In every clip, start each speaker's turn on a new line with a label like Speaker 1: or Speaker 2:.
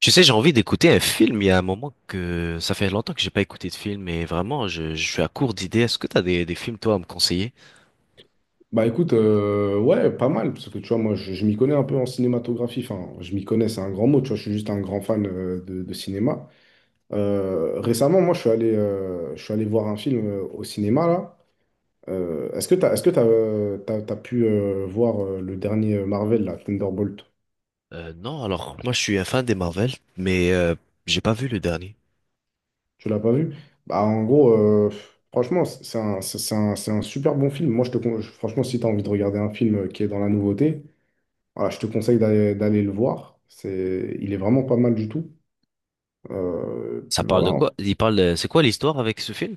Speaker 1: Tu sais, j'ai envie d'écouter un film. Il y a un moment que ça fait longtemps que j'ai pas écouté de film et vraiment, je suis à court d'idées. Est-ce que t'as des films, toi, à me conseiller?
Speaker 2: Bah écoute, ouais, pas mal, parce que tu vois, moi, je m'y connais un peu en cinématographie, enfin, je m'y connais, c'est un grand mot, tu vois, je suis juste un grand fan de cinéma. Récemment, moi, je suis allé voir un film au cinéma, là. Est-ce que t'as, t'as pu voir le dernier Marvel, là, Thunderbolt?
Speaker 1: Non, alors, moi, je suis un fan des Marvel, mais j'ai pas vu le dernier.
Speaker 2: Tu l'as pas vu? Bah en gros, franchement, c'est un super bon film. Moi, je te, con- je- franchement, si t'as envie de regarder un film qui est dans la nouveauté, voilà, je te conseille d'aller le voir. C'est, il est vraiment pas mal du tout. Puis
Speaker 1: Ça parle de
Speaker 2: voilà,
Speaker 1: quoi? C'est quoi l'histoire avec ce film?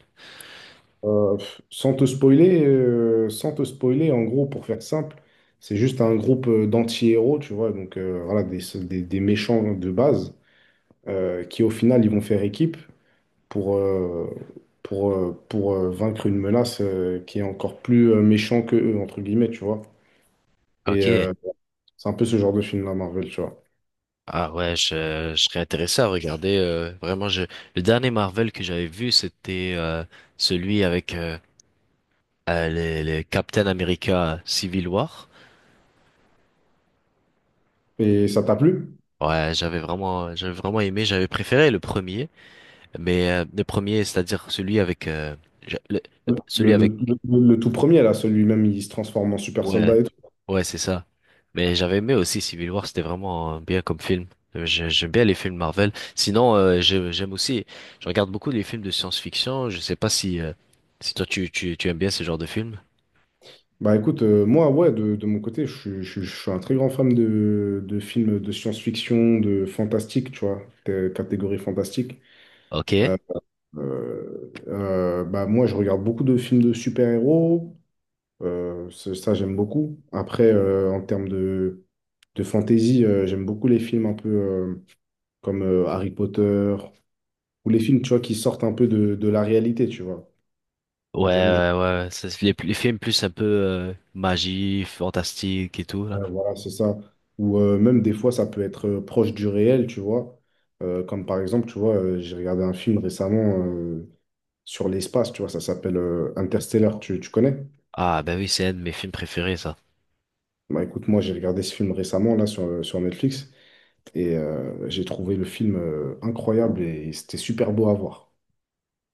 Speaker 2: Euh, sans te spoiler, en gros, pour faire simple, c'est juste un groupe d'anti-héros, tu vois, donc voilà, des méchants de base qui, au final, ils vont faire équipe pour, euh, pour vaincre une menace qui est encore plus méchant que eux, entre guillemets, tu vois. Et
Speaker 1: Ok.
Speaker 2: euh, c'est un peu ce genre de film-là, Marvel, tu vois.
Speaker 1: Ah ouais, je serais intéressé à regarder. Le dernier Marvel que j'avais vu, c'était celui avec le Captain America Civil War.
Speaker 2: Et ça t'a plu?
Speaker 1: Ouais, j'avais vraiment aimé, j'avais préféré le premier, mais le premier, c'est-à-dire celui avec, j'a- le-
Speaker 2: Le, le,
Speaker 1: celui avec,
Speaker 2: le tout premier, là, celui-même, il se transforme en super
Speaker 1: ouais,
Speaker 2: soldat et tout.
Speaker 1: ouais, c'est ça. Mais j'avais aimé aussi Civil War, c'était vraiment bien comme film. J'aime bien les films Marvel. Sinon, j'aime aussi, je regarde beaucoup les films de science-fiction. Je sais pas si toi tu aimes bien ce genre de films.
Speaker 2: Bah écoute, moi, ouais, de mon côté, je suis un très grand fan de films de science-fiction, de fantastique, tu vois, catégorie fantastique.
Speaker 1: Ok. Ouais,
Speaker 2: Euh, Bah moi, je regarde beaucoup de films de super-héros, j'aime beaucoup. Après, en termes de fantasy, j'aime beaucoup les films un peu comme Harry Potter, ou les films, tu vois, qui sortent un peu de la réalité, tu vois. J'aime
Speaker 1: ouais, ouais. C'est les films plus un peu magie, fantastique et tout là.
Speaker 2: Voilà, c'est ça. Ou même des fois, ça peut être proche du réel, tu vois. Comme par exemple, tu vois, j'ai regardé un film récemment sur l'espace, tu vois, ça s'appelle Interstellar, tu connais?
Speaker 1: Ah, ben oui, c'est un de mes films préférés, ça.
Speaker 2: Bah écoute, moi j'ai regardé ce film récemment, là, sur Netflix, et j'ai trouvé le film incroyable et c'était super beau à voir.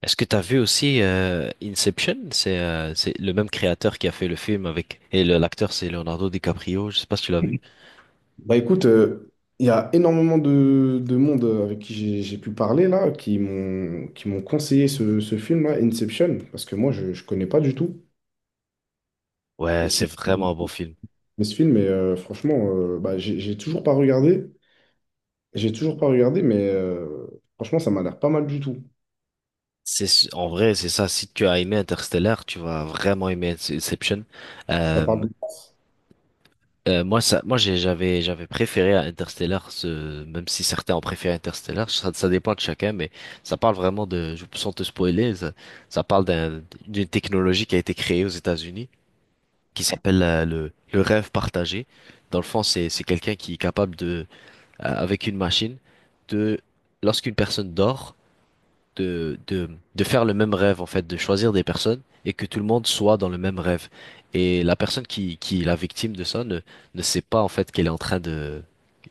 Speaker 1: Est-ce que t'as vu aussi Inception? C'est le même créateur qui a fait le film avec et l'acteur c'est Leonardo DiCaprio. Je sais pas si tu l'as vu.
Speaker 2: Bah écoute, il y a énormément de monde avec qui j'ai pu parler là, qui m'ont conseillé ce film-là, Inception, parce que moi je ne connais pas du tout,
Speaker 1: Ouais,
Speaker 2: et
Speaker 1: c'est
Speaker 2: qui,
Speaker 1: vraiment un bon film.
Speaker 2: mais ce film, est, franchement, j'ai toujours pas regardé. J'ai toujours pas regardé, mais franchement, ça m'a l'air pas mal du tout.
Speaker 1: En vrai, c'est ça. Si tu as aimé Interstellar, tu vas vraiment aimer Inception.
Speaker 2: Ça parle
Speaker 1: Euh,
Speaker 2: de-
Speaker 1: moi, j'avais préféré à Interstellar, ce, même si certains ont préféré Interstellar. Ça dépend de chacun, mais ça parle vraiment de, sans te spoiler, ça parle d'une technologie qui a été créée aux États-Unis qui s'appelle le rêve partagé. Dans le fond, c'est quelqu'un qui est capable de, avec une machine, de, lorsqu'une personne dort, de, de, de faire le même rêve, en fait, de choisir des personnes et que tout le monde soit dans le même rêve. Et la personne qui est la victime de ça ne sait pas, en fait, qu'elle est en train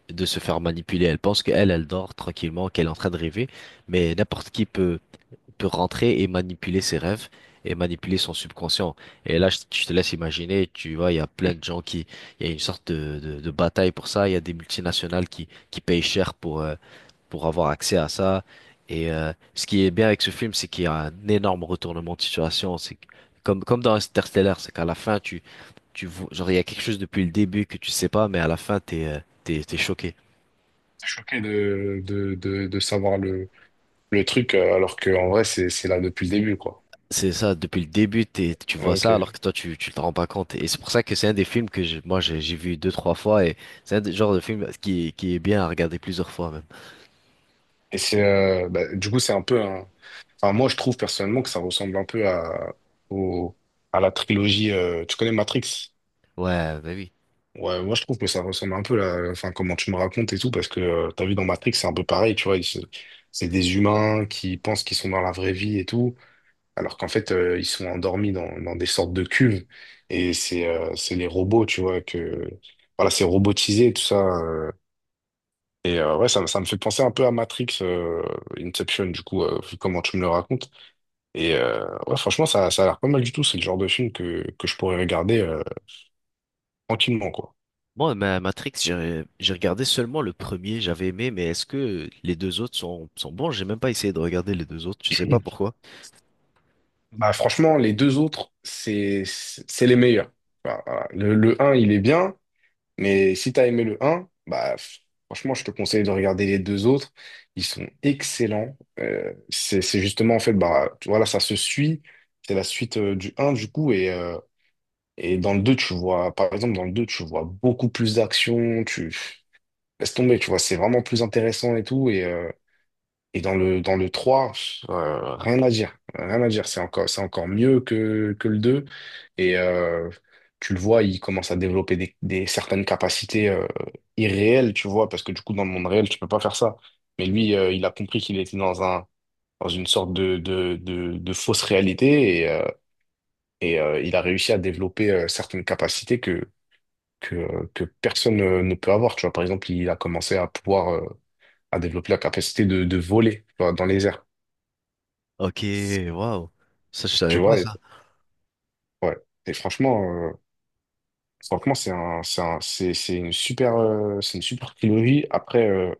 Speaker 1: de se faire manipuler. Elle pense qu'elle, elle dort tranquillement, qu'elle est en train de rêver, mais n'importe qui peut rentrer et manipuler ses rêves et manipuler son subconscient. Et là, je te laisse imaginer, tu vois, il y a plein de gens il y a une sorte de, de bataille pour ça. Il y a des multinationales qui payent cher pour avoir accès à ça. Et ce qui est bien avec ce film, c'est qu'il y a un énorme retournement de situation. Comme dans Interstellar, c'est qu'à la fin, genre, il y a quelque chose depuis le début que tu sais pas, mais à la fin, t'es choqué.
Speaker 2: T'es choqué de savoir le truc, alors que en vrai, c'est là depuis le début, quoi.
Speaker 1: C'est ça, depuis le début, tu vois ça alors que
Speaker 2: Ok.
Speaker 1: toi tu te rends pas compte. Et c'est pour ça que c'est un des films que moi j'ai vu deux, trois fois et c'est genre de film qui est bien à regarder plusieurs fois même.
Speaker 2: Et c'est, du coup, c'est un peu un. Enfin, moi, je trouve personnellement que ça ressemble un peu au, à la trilogie. Tu connais Matrix?
Speaker 1: Ouais, bah oui.
Speaker 2: Ouais, moi je trouve que ça ressemble un peu là, enfin comment tu me racontes et tout, parce que t'as vu dans Matrix, c'est un peu pareil, tu vois, c'est des humains qui pensent qu'ils sont dans la vraie vie et tout, alors qu'en fait ils sont endormis dans des sortes de cuves, et c'est les robots, tu vois, que voilà, c'est robotisé tout ça, ouais, ça me fait penser un peu à Matrix, Inception, du coup, vu comment tu me le racontes, et ouais, franchement ça a l'air pas mal du tout, c'est le genre de film que je pourrais regarder tranquillement, quoi.
Speaker 1: Moi, ma Matrix, j'ai regardé seulement le premier, j'avais aimé, mais est-ce que les deux autres sont bons? J'ai même pas essayé de regarder les deux autres, je sais pas pourquoi.
Speaker 2: Bah franchement, les deux autres, c'est les meilleurs. Bah, voilà. Le un il est bien, mais si t'as aimé le un franchement, je te conseille de regarder les deux autres. Ils sont excellents. C'est justement en fait, voilà, ça se suit. C'est la suite du un du coup et dans le 2 tu vois, par exemple, dans le 2 tu vois beaucoup plus d'action. Tu laisse tomber, tu vois, c'est vraiment plus intéressant et tout et dans le 3 rien à dire. Rien à dire. C'est encore mieux que le deux. Et euh, Tu le vois, il commence à développer certaines capacités irréelles, tu vois, parce que du coup, dans le monde réel, tu peux pas faire ça. Mais lui, il a compris qu'il était dans un, dans une sorte de fausse réalité et, il a réussi à développer certaines capacités que personne ne peut avoir. Tu vois, par exemple, il a commencé à pouvoir, à développer la capacité de voler, tu vois, dans les airs.
Speaker 1: Ok, waouh. Ça, je
Speaker 2: Tu
Speaker 1: savais pas
Speaker 2: vois, et,
Speaker 1: ça.
Speaker 2: ouais. Et franchement, franchement, c'est une super trilogie. Après,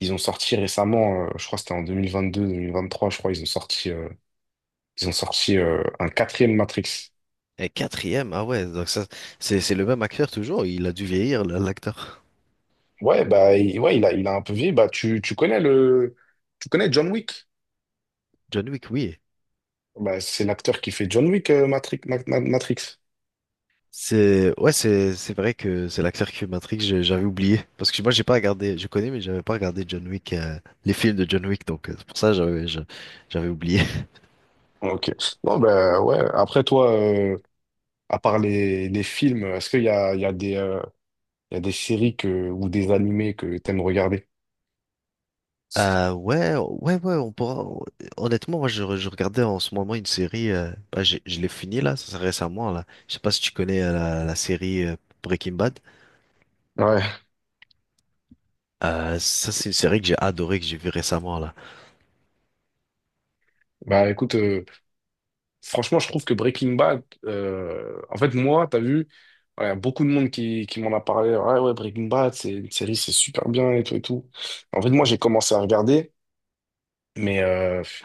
Speaker 2: ils ont sorti récemment, je crois que c'était en deux mille vingt trois je crois, ils ont sorti, un quatrième Matrix.
Speaker 1: Et quatrième, ah ouais, donc ça, c'est le même acteur toujours, il a dû vieillir, l'acteur.
Speaker 2: Ouais, ouais, il a un peu vieilli. Tu connais le, tu connais John Wick.
Speaker 1: John Wick, oui.
Speaker 2: Bah, c'est l'acteur qui fait John Wick, Matrix.
Speaker 1: C'est ouais, c'est vrai que c'est l'acteur qui fait Matrix, j'avais oublié parce que moi j'ai pas regardé, je connais mais j'avais pas regardé John Wick les films de John Wick donc c'est pour ça que j'avais oublié.
Speaker 2: Ok. Bon, bah, ouais. Après, toi, à part les films, est-ce qu'il y a, il y a des, il y a des séries que, ou des animés que t'aimes regarder.
Speaker 1: Ouais, ouais ouais, honnêtement moi je regardais en ce moment une série bah, je l'ai fini là, ça c'est récemment là. Je sais pas si tu connais la série Breaking Bad.
Speaker 2: Ouais.
Speaker 1: Ça c'est une série que j'ai adorée que j'ai vue récemment là.
Speaker 2: Bah écoute, franchement, je trouve que Breaking Bad, en fait, moi, t'as vu, voilà, beaucoup de monde qui m'en a parlé. Ouais, ouais, Breaking Bad, c'est une série, c'est super bien et tout et tout. En fait, moi, j'ai commencé à regarder, mais je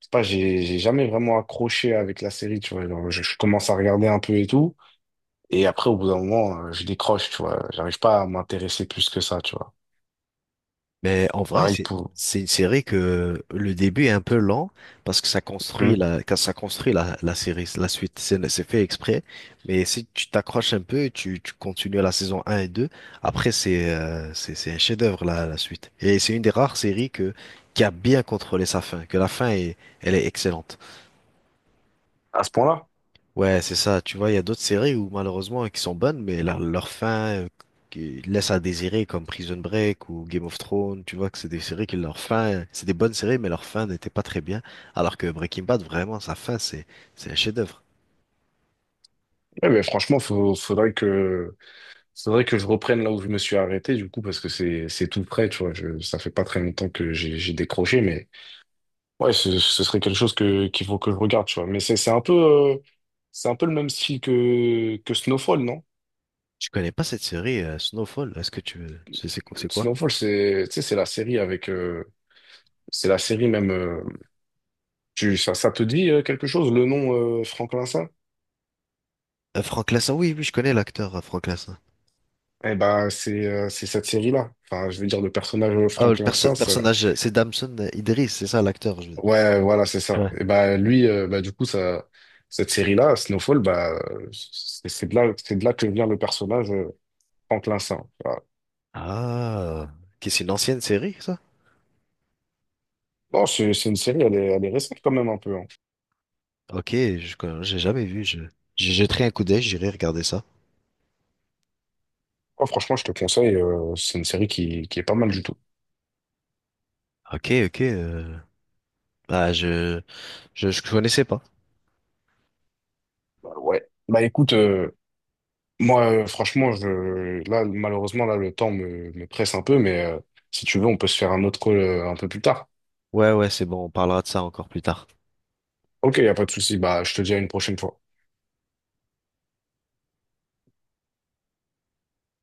Speaker 2: sais pas, j'ai jamais vraiment accroché avec la série, tu vois. Genre, je commence à regarder un peu et tout, et après, au bout d'un moment, je décroche, tu vois. J'arrive pas à m'intéresser plus que ça, tu vois.
Speaker 1: Mais en vrai,
Speaker 2: Pareil
Speaker 1: c'est
Speaker 2: pour.
Speaker 1: c'est une série que le début est un peu lent parce que ça
Speaker 2: Hmm.
Speaker 1: construit la quand ça construit la série, la suite, c'est fait exprès. Mais si tu t'accroches un peu, tu continues la saison un et 2. Après c'est un chef-d'œuvre la suite. Et c'est une des rares séries que qui a bien contrôlé sa fin, que la fin est elle est excellente.
Speaker 2: À ce point-là?
Speaker 1: Ouais, c'est ça. Tu vois, il y a d'autres séries où malheureusement qui sont bonnes, mais leur fin qui laisse à désirer, comme Prison Break ou Game of Thrones. Tu vois que c'est des séries qui leur fin, c'est des bonnes séries, mais leur fin n'était pas très bien. Alors que Breaking Bad, vraiment, sa fin, c'est un chef-d'œuvre.
Speaker 2: Ouais, mais franchement, faudrait faudrait que je reprenne là où je me suis arrêté, du coup, parce que c'est tout prêt, tu vois. Je, ça fait pas très longtemps que j'ai décroché, mais ouais, ce serait quelque chose que, qu'il faut que je regarde, tu vois. Mais c'est un peu le même style que Snowfall, non?
Speaker 1: Je connais pas cette série Snowfall. Est-ce que tu veux- c'est quoi? C'est quoi?
Speaker 2: Snowfall, c'est, tu sais, c'est la série avec, c'est la série même, ça te dit quelque chose, le nom, Franklin Saint?
Speaker 1: Frank Lassin. Oui, oui, je connais l'acteur Frank Lassin.
Speaker 2: Eh ben, c'est cette série-là. Enfin, je veux dire, le personnage
Speaker 1: Ah, le
Speaker 2: Franklin
Speaker 1: perso-
Speaker 2: Saint,
Speaker 1: personnage, c'est Damson Idris, c'est ça l'acteur. Je veux dire.
Speaker 2: ouais, voilà, c'est ça.
Speaker 1: Ouais.
Speaker 2: Et bah lui, du coup, ça, cette série-là, Snowfall, c'est de là que vient le personnage Franklin Saint. Voilà.
Speaker 1: Ah, qui c'est une ancienne série, ça?
Speaker 2: Bon, c'est une série, elle est récente quand même un peu. Hein.
Speaker 1: Ok, j'ai jamais vu. J'ai jeté un coup d'œil, j'irai regarder ça.
Speaker 2: Oh, franchement, je te conseille. C'est une série qui est pas mal du tout.
Speaker 1: Ok, ok. Bah, je connaissais pas.
Speaker 2: Bah, ouais. Bah écoute, moi, franchement, là, malheureusement, là, me presse un peu, mais si tu veux, on peut se faire un autre call un peu plus tard.
Speaker 1: Ouais, ouais, c'est bon, on parlera de ça encore plus tard.
Speaker 2: Ok, y a pas de souci. Bah, je te dis à une prochaine fois.